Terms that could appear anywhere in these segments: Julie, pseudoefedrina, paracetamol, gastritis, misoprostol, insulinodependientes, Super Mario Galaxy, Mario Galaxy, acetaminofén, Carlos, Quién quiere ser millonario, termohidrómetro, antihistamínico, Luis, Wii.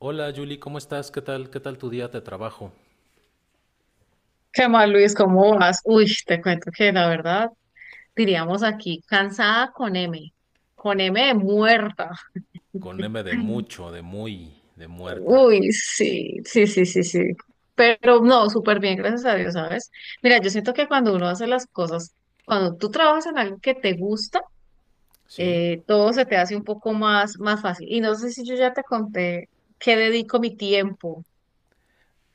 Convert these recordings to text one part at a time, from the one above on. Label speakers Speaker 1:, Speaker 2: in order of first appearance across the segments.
Speaker 1: Hola Julie, ¿cómo estás? ¿Qué tal? ¿Qué tal tu día de trabajo?
Speaker 2: ¿Qué más, Luis? ¿Cómo vas? Uy, te cuento que la verdad, diríamos aquí, cansada con M de muerta.
Speaker 1: Con M de mucho, de muy, de muerta.
Speaker 2: Uy, sí, sí, sí, sí, sí. Pero no, súper bien, gracias a Dios, ¿sabes? Mira, yo siento que cuando uno hace las cosas, cuando tú trabajas en algo que te gusta,
Speaker 1: ¿Sí?
Speaker 2: todo se te hace un poco más, más fácil. Y no sé si yo ya te conté qué dedico mi tiempo.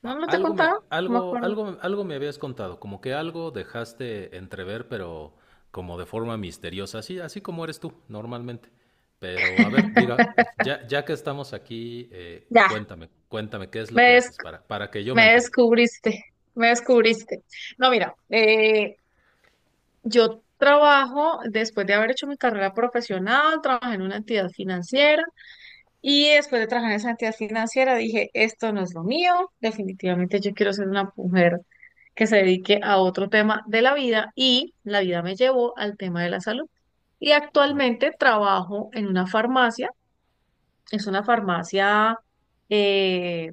Speaker 2: ¿No,
Speaker 1: A-
Speaker 2: no te he
Speaker 1: Algo me,
Speaker 2: contado? No me
Speaker 1: algo,
Speaker 2: acuerdo.
Speaker 1: algo, algo me habías contado, como que algo dejaste entrever, pero como de forma misteriosa, así, así como eres tú, normalmente. Pero a ver, diga, ya que estamos aquí,
Speaker 2: Ya,
Speaker 1: cuéntame, cuéntame qué es lo que
Speaker 2: ves,
Speaker 1: haces para que yo me
Speaker 2: me
Speaker 1: entere.
Speaker 2: descubriste, me descubriste. No, mira, yo trabajo, después de haber hecho mi carrera profesional, trabajé en una entidad financiera y después de trabajar en esa entidad financiera dije, esto no es lo mío, definitivamente yo quiero ser una mujer que se dedique a otro tema de la vida y la vida me llevó al tema de la salud. Y
Speaker 1: ¿No?
Speaker 2: actualmente trabajo en una farmacia, es una farmacia eh,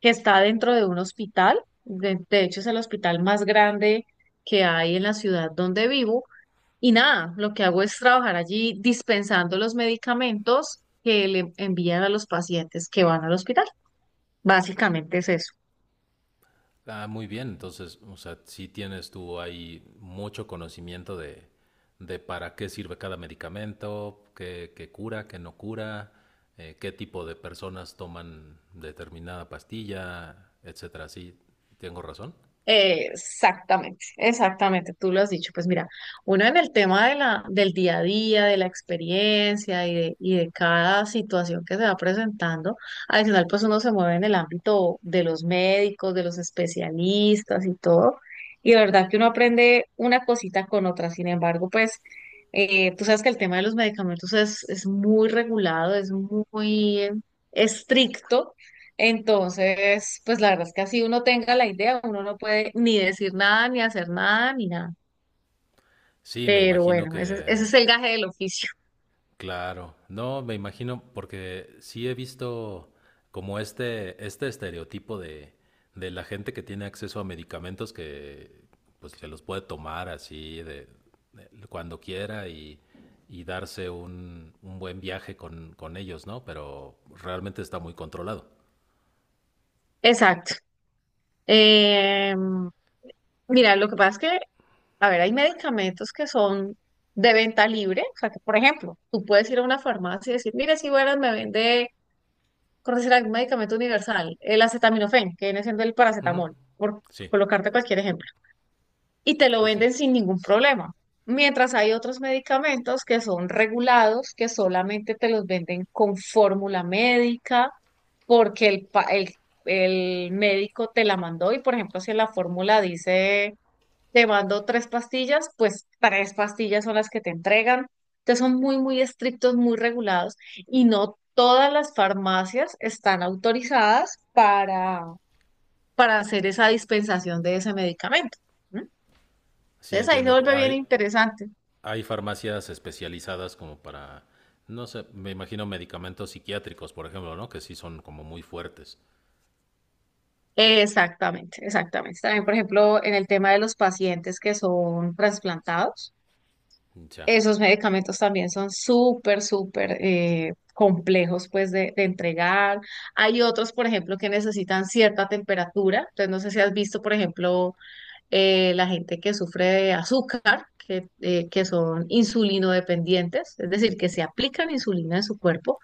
Speaker 2: que está dentro de un hospital. De hecho, es el hospital más grande que hay en la ciudad donde vivo. Y nada, lo que hago es trabajar allí dispensando los medicamentos que le envían a los pacientes que van al hospital. Básicamente es eso.
Speaker 1: Ah, muy bien. Entonces, o sea, sí tienes tú ahí mucho conocimiento de para qué sirve cada medicamento, qué cura, qué no cura, qué tipo de personas toman determinada pastilla, etcétera. Sí, tengo razón.
Speaker 2: Exactamente, exactamente, tú lo has dicho. Pues mira, uno en el tema de la, del día a día, de la experiencia y de cada situación que se va presentando, adicional pues uno se mueve en el ámbito de los médicos, de los especialistas y todo, y de verdad que uno aprende una cosita con otra. Sin embargo, pues tú sabes que el tema de los medicamentos es muy regulado, es muy estricto. Entonces, pues la verdad es que así uno tenga la idea, uno no puede ni decir nada, ni hacer nada, ni nada.
Speaker 1: Sí, me
Speaker 2: Pero
Speaker 1: imagino
Speaker 2: bueno, ese
Speaker 1: que
Speaker 2: es el gaje del oficio.
Speaker 1: claro, no, me imagino, porque sí he visto como este estereotipo de la gente que tiene acceso a medicamentos que pues se los puede tomar así cuando quiera y darse un buen viaje con ellos, ¿no? Pero realmente está muy controlado.
Speaker 2: Exacto. Eh, mira, lo que pasa es que, a ver, hay medicamentos que son de venta libre. O sea, que por ejemplo, tú puedes ir a una farmacia y decir, mira, si bueno, me vende, por decir algún medicamento universal, el acetaminofén, que viene siendo el
Speaker 1: Ujú.
Speaker 2: paracetamol, por
Speaker 1: Sí,
Speaker 2: colocarte cualquier ejemplo. Y te lo
Speaker 1: sí, sí.
Speaker 2: venden sin ningún problema. Mientras hay otros medicamentos que son regulados, que solamente te los venden con fórmula médica, porque el médico te la mandó y, por ejemplo, si en la fórmula dice, te mando tres pastillas, pues tres pastillas son las que te entregan. Entonces son muy, muy estrictos, muy regulados y no todas las farmacias están autorizadas para hacer esa dispensación de ese medicamento, ¿no?
Speaker 1: Sí,
Speaker 2: Entonces ahí se
Speaker 1: entiendo.
Speaker 2: vuelve bien
Speaker 1: Hay,
Speaker 2: interesante.
Speaker 1: Hay farmacias especializadas como para no sé, me imagino medicamentos psiquiátricos, por ejemplo, ¿no? Que sí son como muy fuertes.
Speaker 2: Exactamente, exactamente. También, por ejemplo, en el tema de los pacientes que son trasplantados,
Speaker 1: Ya,
Speaker 2: esos medicamentos también son súper, súper complejos pues de entregar. Hay otros, por ejemplo, que necesitan cierta temperatura. Entonces, no sé si has visto, por ejemplo, la gente que sufre de azúcar, que son insulinodependientes, es decir, que se aplican insulina en su cuerpo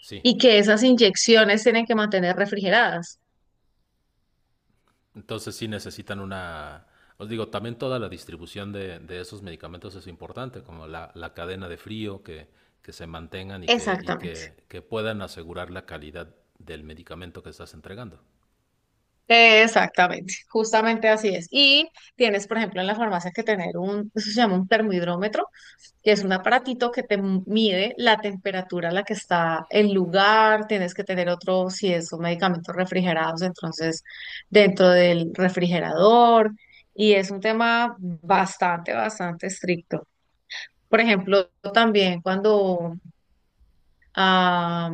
Speaker 1: sí.
Speaker 2: y que esas inyecciones tienen que mantener refrigeradas.
Speaker 1: Entonces sí necesitan una... Os digo, también toda la distribución de esos medicamentos es importante, como la cadena de frío, que se mantengan y que, y
Speaker 2: Exactamente,
Speaker 1: que, que puedan asegurar la calidad del medicamento que estás entregando.
Speaker 2: exactamente, justamente así es. Y tienes, por ejemplo, en la farmacia que tener un, eso se llama un termohidrómetro, que es un aparatito que te mide la temperatura a la que está el lugar, tienes que tener otro, si es son medicamentos refrigerados, entonces dentro del refrigerador, y es un tema bastante, bastante estricto. Por ejemplo, también cuando ah,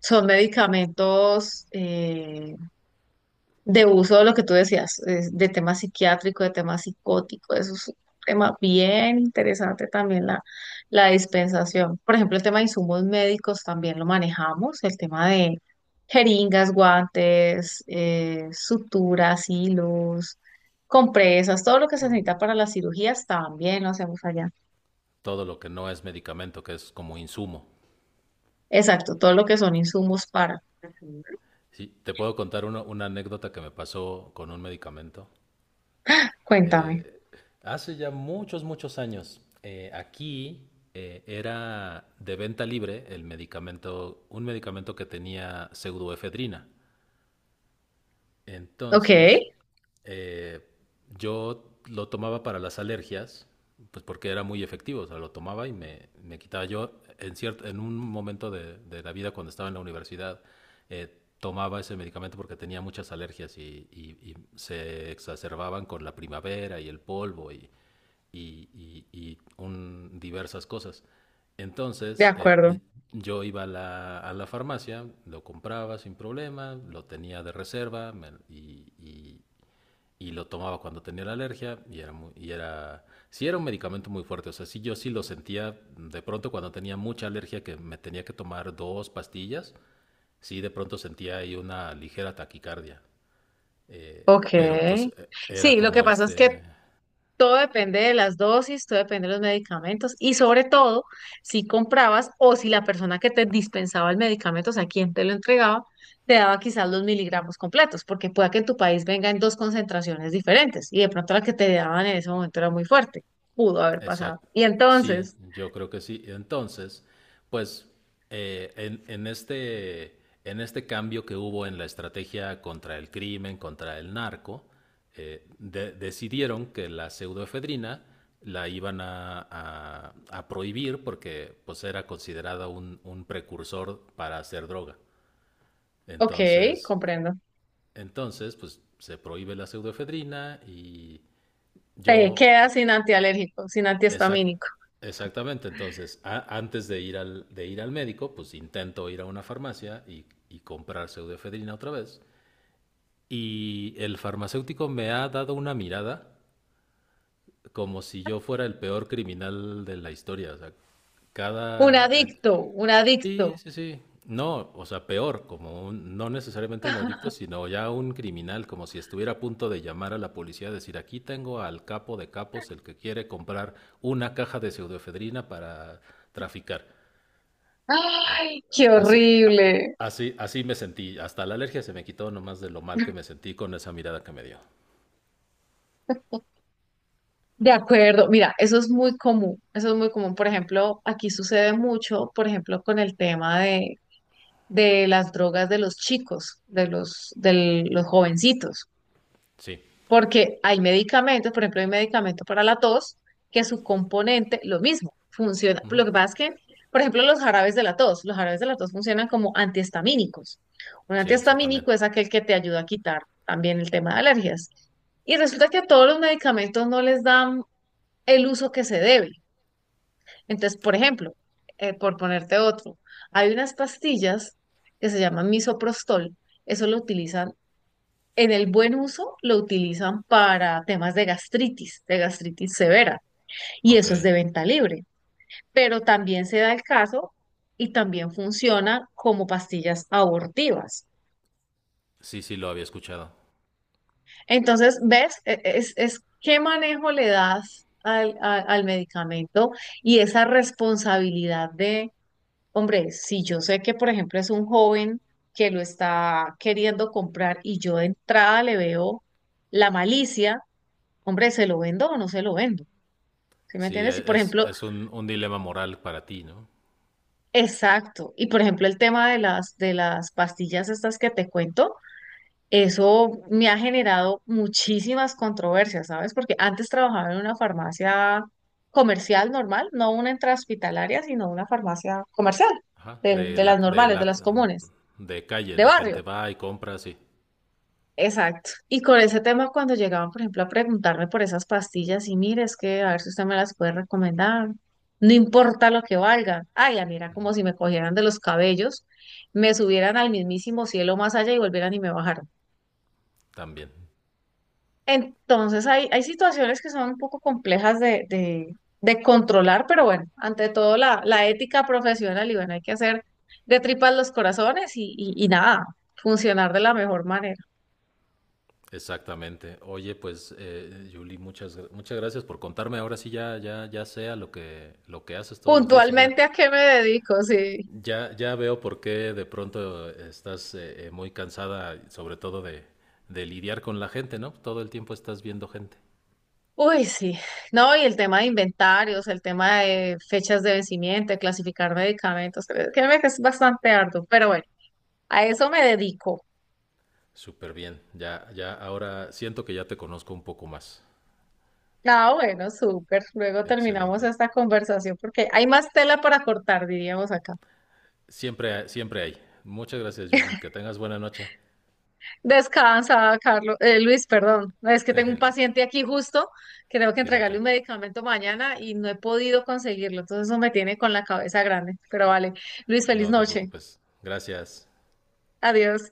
Speaker 2: son medicamentos de uso de lo que tú decías, es de tema psiquiátrico, de tema psicótico, eso es un tema bien interesante también la dispensación. Por ejemplo, el tema de insumos médicos también lo manejamos, el tema de jeringas, guantes, suturas, hilos, compresas, todo lo que se necesita para las cirugías también lo hacemos allá.
Speaker 1: Todo lo que no es medicamento, que es como insumo.
Speaker 2: Exacto, todo lo que son insumos para. Ujú.
Speaker 1: Sí, te puedo contar una anécdota que me pasó con un medicamento.
Speaker 2: Cuéntame.
Speaker 1: Eh, hace ya muchos, muchos años, aquí era de venta libre el medicamento, un medicamento que tenía pseudoefedrina.
Speaker 2: Ok,
Speaker 1: Entonces, eh, yo lo tomaba para las alergias, pues porque era muy efectivo, o sea, lo tomaba y me quitaba. Yo en, cierto, en un momento de la vida cuando estaba en la universidad, tomaba ese medicamento porque tenía muchas alergias y se exacerbaban con la primavera y el polvo y diversas cosas.
Speaker 2: de
Speaker 1: Entonces,
Speaker 2: acuerdo.
Speaker 1: yo iba a a la farmacia, lo compraba sin problema, lo tenía de reserva y lo tomaba cuando tenía la alergia y sí era un medicamento muy fuerte, o sea, sí yo sí lo sentía de pronto cuando tenía mucha alergia que me tenía que tomar dos pastillas, sí de pronto sentía ahí una ligera taquicardia. Eh,
Speaker 2: Ok.
Speaker 1: pero pues eh, era
Speaker 2: Sí, lo
Speaker 1: como
Speaker 2: que pasa es
Speaker 1: este,
Speaker 2: que todo depende de las dosis, todo depende de los medicamentos y sobre todo si comprabas o si la persona que te dispensaba el medicamento, o sea, quien te lo entregaba, te daba quizás los miligramos completos, porque pueda que en tu país venga en dos concentraciones diferentes y de pronto la que te daban en ese momento era muy fuerte, pudo haber pasado.
Speaker 1: exacto.
Speaker 2: Y
Speaker 1: Sí,
Speaker 2: entonces,
Speaker 1: yo creo que sí. Entonces, pues eh, en, en este, en este cambio que hubo en la estrategia contra el crimen, contra el narco, decidieron que la pseudoefedrina la iban a prohibir porque pues era considerada un precursor para hacer droga.
Speaker 2: ok,
Speaker 1: Entonces,
Speaker 2: comprendo,
Speaker 1: entonces, pues se prohíbe la pseudoefedrina y
Speaker 2: te
Speaker 1: yo...
Speaker 2: quedas sin antialérgico, sin
Speaker 1: Exact-
Speaker 2: antihistamínico.
Speaker 1: exactamente, entonces, antes de ir, de ir al médico, pues intento ir a una farmacia y comprar pseudoefedrina otra vez. Y el farmacéutico me ha dado una mirada como si yo fuera el peor criminal de la historia. O sea,
Speaker 2: Un
Speaker 1: cada...
Speaker 2: adicto, un
Speaker 1: Sí,
Speaker 2: adicto.
Speaker 1: sí, sí. No, o sea, peor, como un, no necesariamente un adicto, sino ya un criminal, como si estuviera a punto de llamar a la policía, decir, aquí tengo al capo de capos, el que quiere comprar una caja de pseudoefedrina para traficar.
Speaker 2: Ay, qué
Speaker 1: Así, a-
Speaker 2: horrible.
Speaker 1: así, así me sentí, hasta la alergia se me quitó nomás de lo mal que me sentí con esa mirada que me dio.
Speaker 2: De acuerdo, mira, eso es muy común, eso es muy común. Por ejemplo, aquí sucede mucho, por ejemplo, con el tema de las drogas de los chicos, de los jovencitos,
Speaker 1: Sí,
Speaker 2: porque hay medicamentos, por ejemplo, hay medicamento para la tos, que su componente, lo mismo, funciona. Lo que pasa es que, por ejemplo, los jarabes de la tos, los jarabes de la tos funcionan como antihistamínicos. Un
Speaker 1: sí, sí, también.
Speaker 2: antihistamínico es aquel que te ayuda a quitar también el tema de alergias. Y resulta que a todos los medicamentos no les dan el uso que se debe. Entonces, por ejemplo, por ponerte otro, hay unas pastillas que se llaman misoprostol, eso lo utilizan, en el buen uso lo utilizan para temas de gastritis severa, y
Speaker 1: Ok,
Speaker 2: eso es de venta libre, pero también se da el caso y también funciona como pastillas abortivas.
Speaker 1: sí, sí, lo había escuchado.
Speaker 2: Entonces, ¿ves? Es qué manejo le das al, a, al medicamento y esa responsabilidad de hombre, si yo sé que, por ejemplo, es un joven que lo está queriendo comprar y yo de entrada le veo la malicia, hombre, ¿se lo vendo o no se lo vendo? ¿Sí me
Speaker 1: Sí,
Speaker 2: entiendes? Y por ejemplo,
Speaker 1: es un dilema moral para ti, ¿no?
Speaker 2: exacto. Y por ejemplo, el tema de las pastillas estas que te cuento, eso me ha generado muchísimas controversias, ¿sabes? Porque antes trabajaba en una farmacia comercial normal, no una intrahospitalaria, sino una farmacia comercial,
Speaker 1: Ajá,
Speaker 2: de de las
Speaker 1: de
Speaker 2: normales, de
Speaker 1: la,
Speaker 2: las comunes,
Speaker 1: de calle,
Speaker 2: de
Speaker 1: la gente
Speaker 2: barrio.
Speaker 1: va y compra, sí,
Speaker 2: Exacto. Y con ese tema, cuando llegaban, por ejemplo, a preguntarme por esas pastillas, y mire, es que a ver si usted me las puede recomendar, no importa lo que valgan. Ay, la mira, como si me cogieran de los cabellos, me subieran al mismísimo cielo más allá y volvieran y me bajaran.
Speaker 1: también,
Speaker 2: Entonces, hay situaciones que son un poco complejas de controlar, pero bueno, ante todo la, la ética profesional, y bueno, hay que hacer de tripas los corazones y nada, funcionar de la mejor manera.
Speaker 1: exactamente. Oye, pues, Julie, muchas gracias por contarme. Ahora sí ya, ya sea lo que haces todos los días y ya,
Speaker 2: Puntualmente, ¿a qué me dedico? Sí.
Speaker 1: ya veo por qué de pronto estás muy cansada, sobre todo de lidiar con la gente, ¿no? Todo el tiempo estás viendo gente.
Speaker 2: Uy, sí. No, y el tema de inventarios, el tema de fechas de vencimiento, de clasificar medicamentos, créeme que es bastante arduo, pero bueno, a eso me dedico.
Speaker 1: Súper bien, ya, ya, ahora siento que ya te conozco un poco más.
Speaker 2: Ah, bueno, súper. Luego terminamos
Speaker 1: Excelente.
Speaker 2: esta conversación porque hay más tela para cortar, diríamos acá.
Speaker 1: Siempre, siempre hay. Muchas gracias, Julie. Que tengas buena noche.
Speaker 2: Descansa, Carlos, Luis, perdón. No, es que tengo un paciente aquí justo que tengo que entregarle
Speaker 1: Fíjate,
Speaker 2: un medicamento mañana y no he podido conseguirlo, entonces eso me tiene con la cabeza grande. Pero vale, Luis, feliz
Speaker 1: no te
Speaker 2: noche.
Speaker 1: preocupes. Gracias.
Speaker 2: Adiós.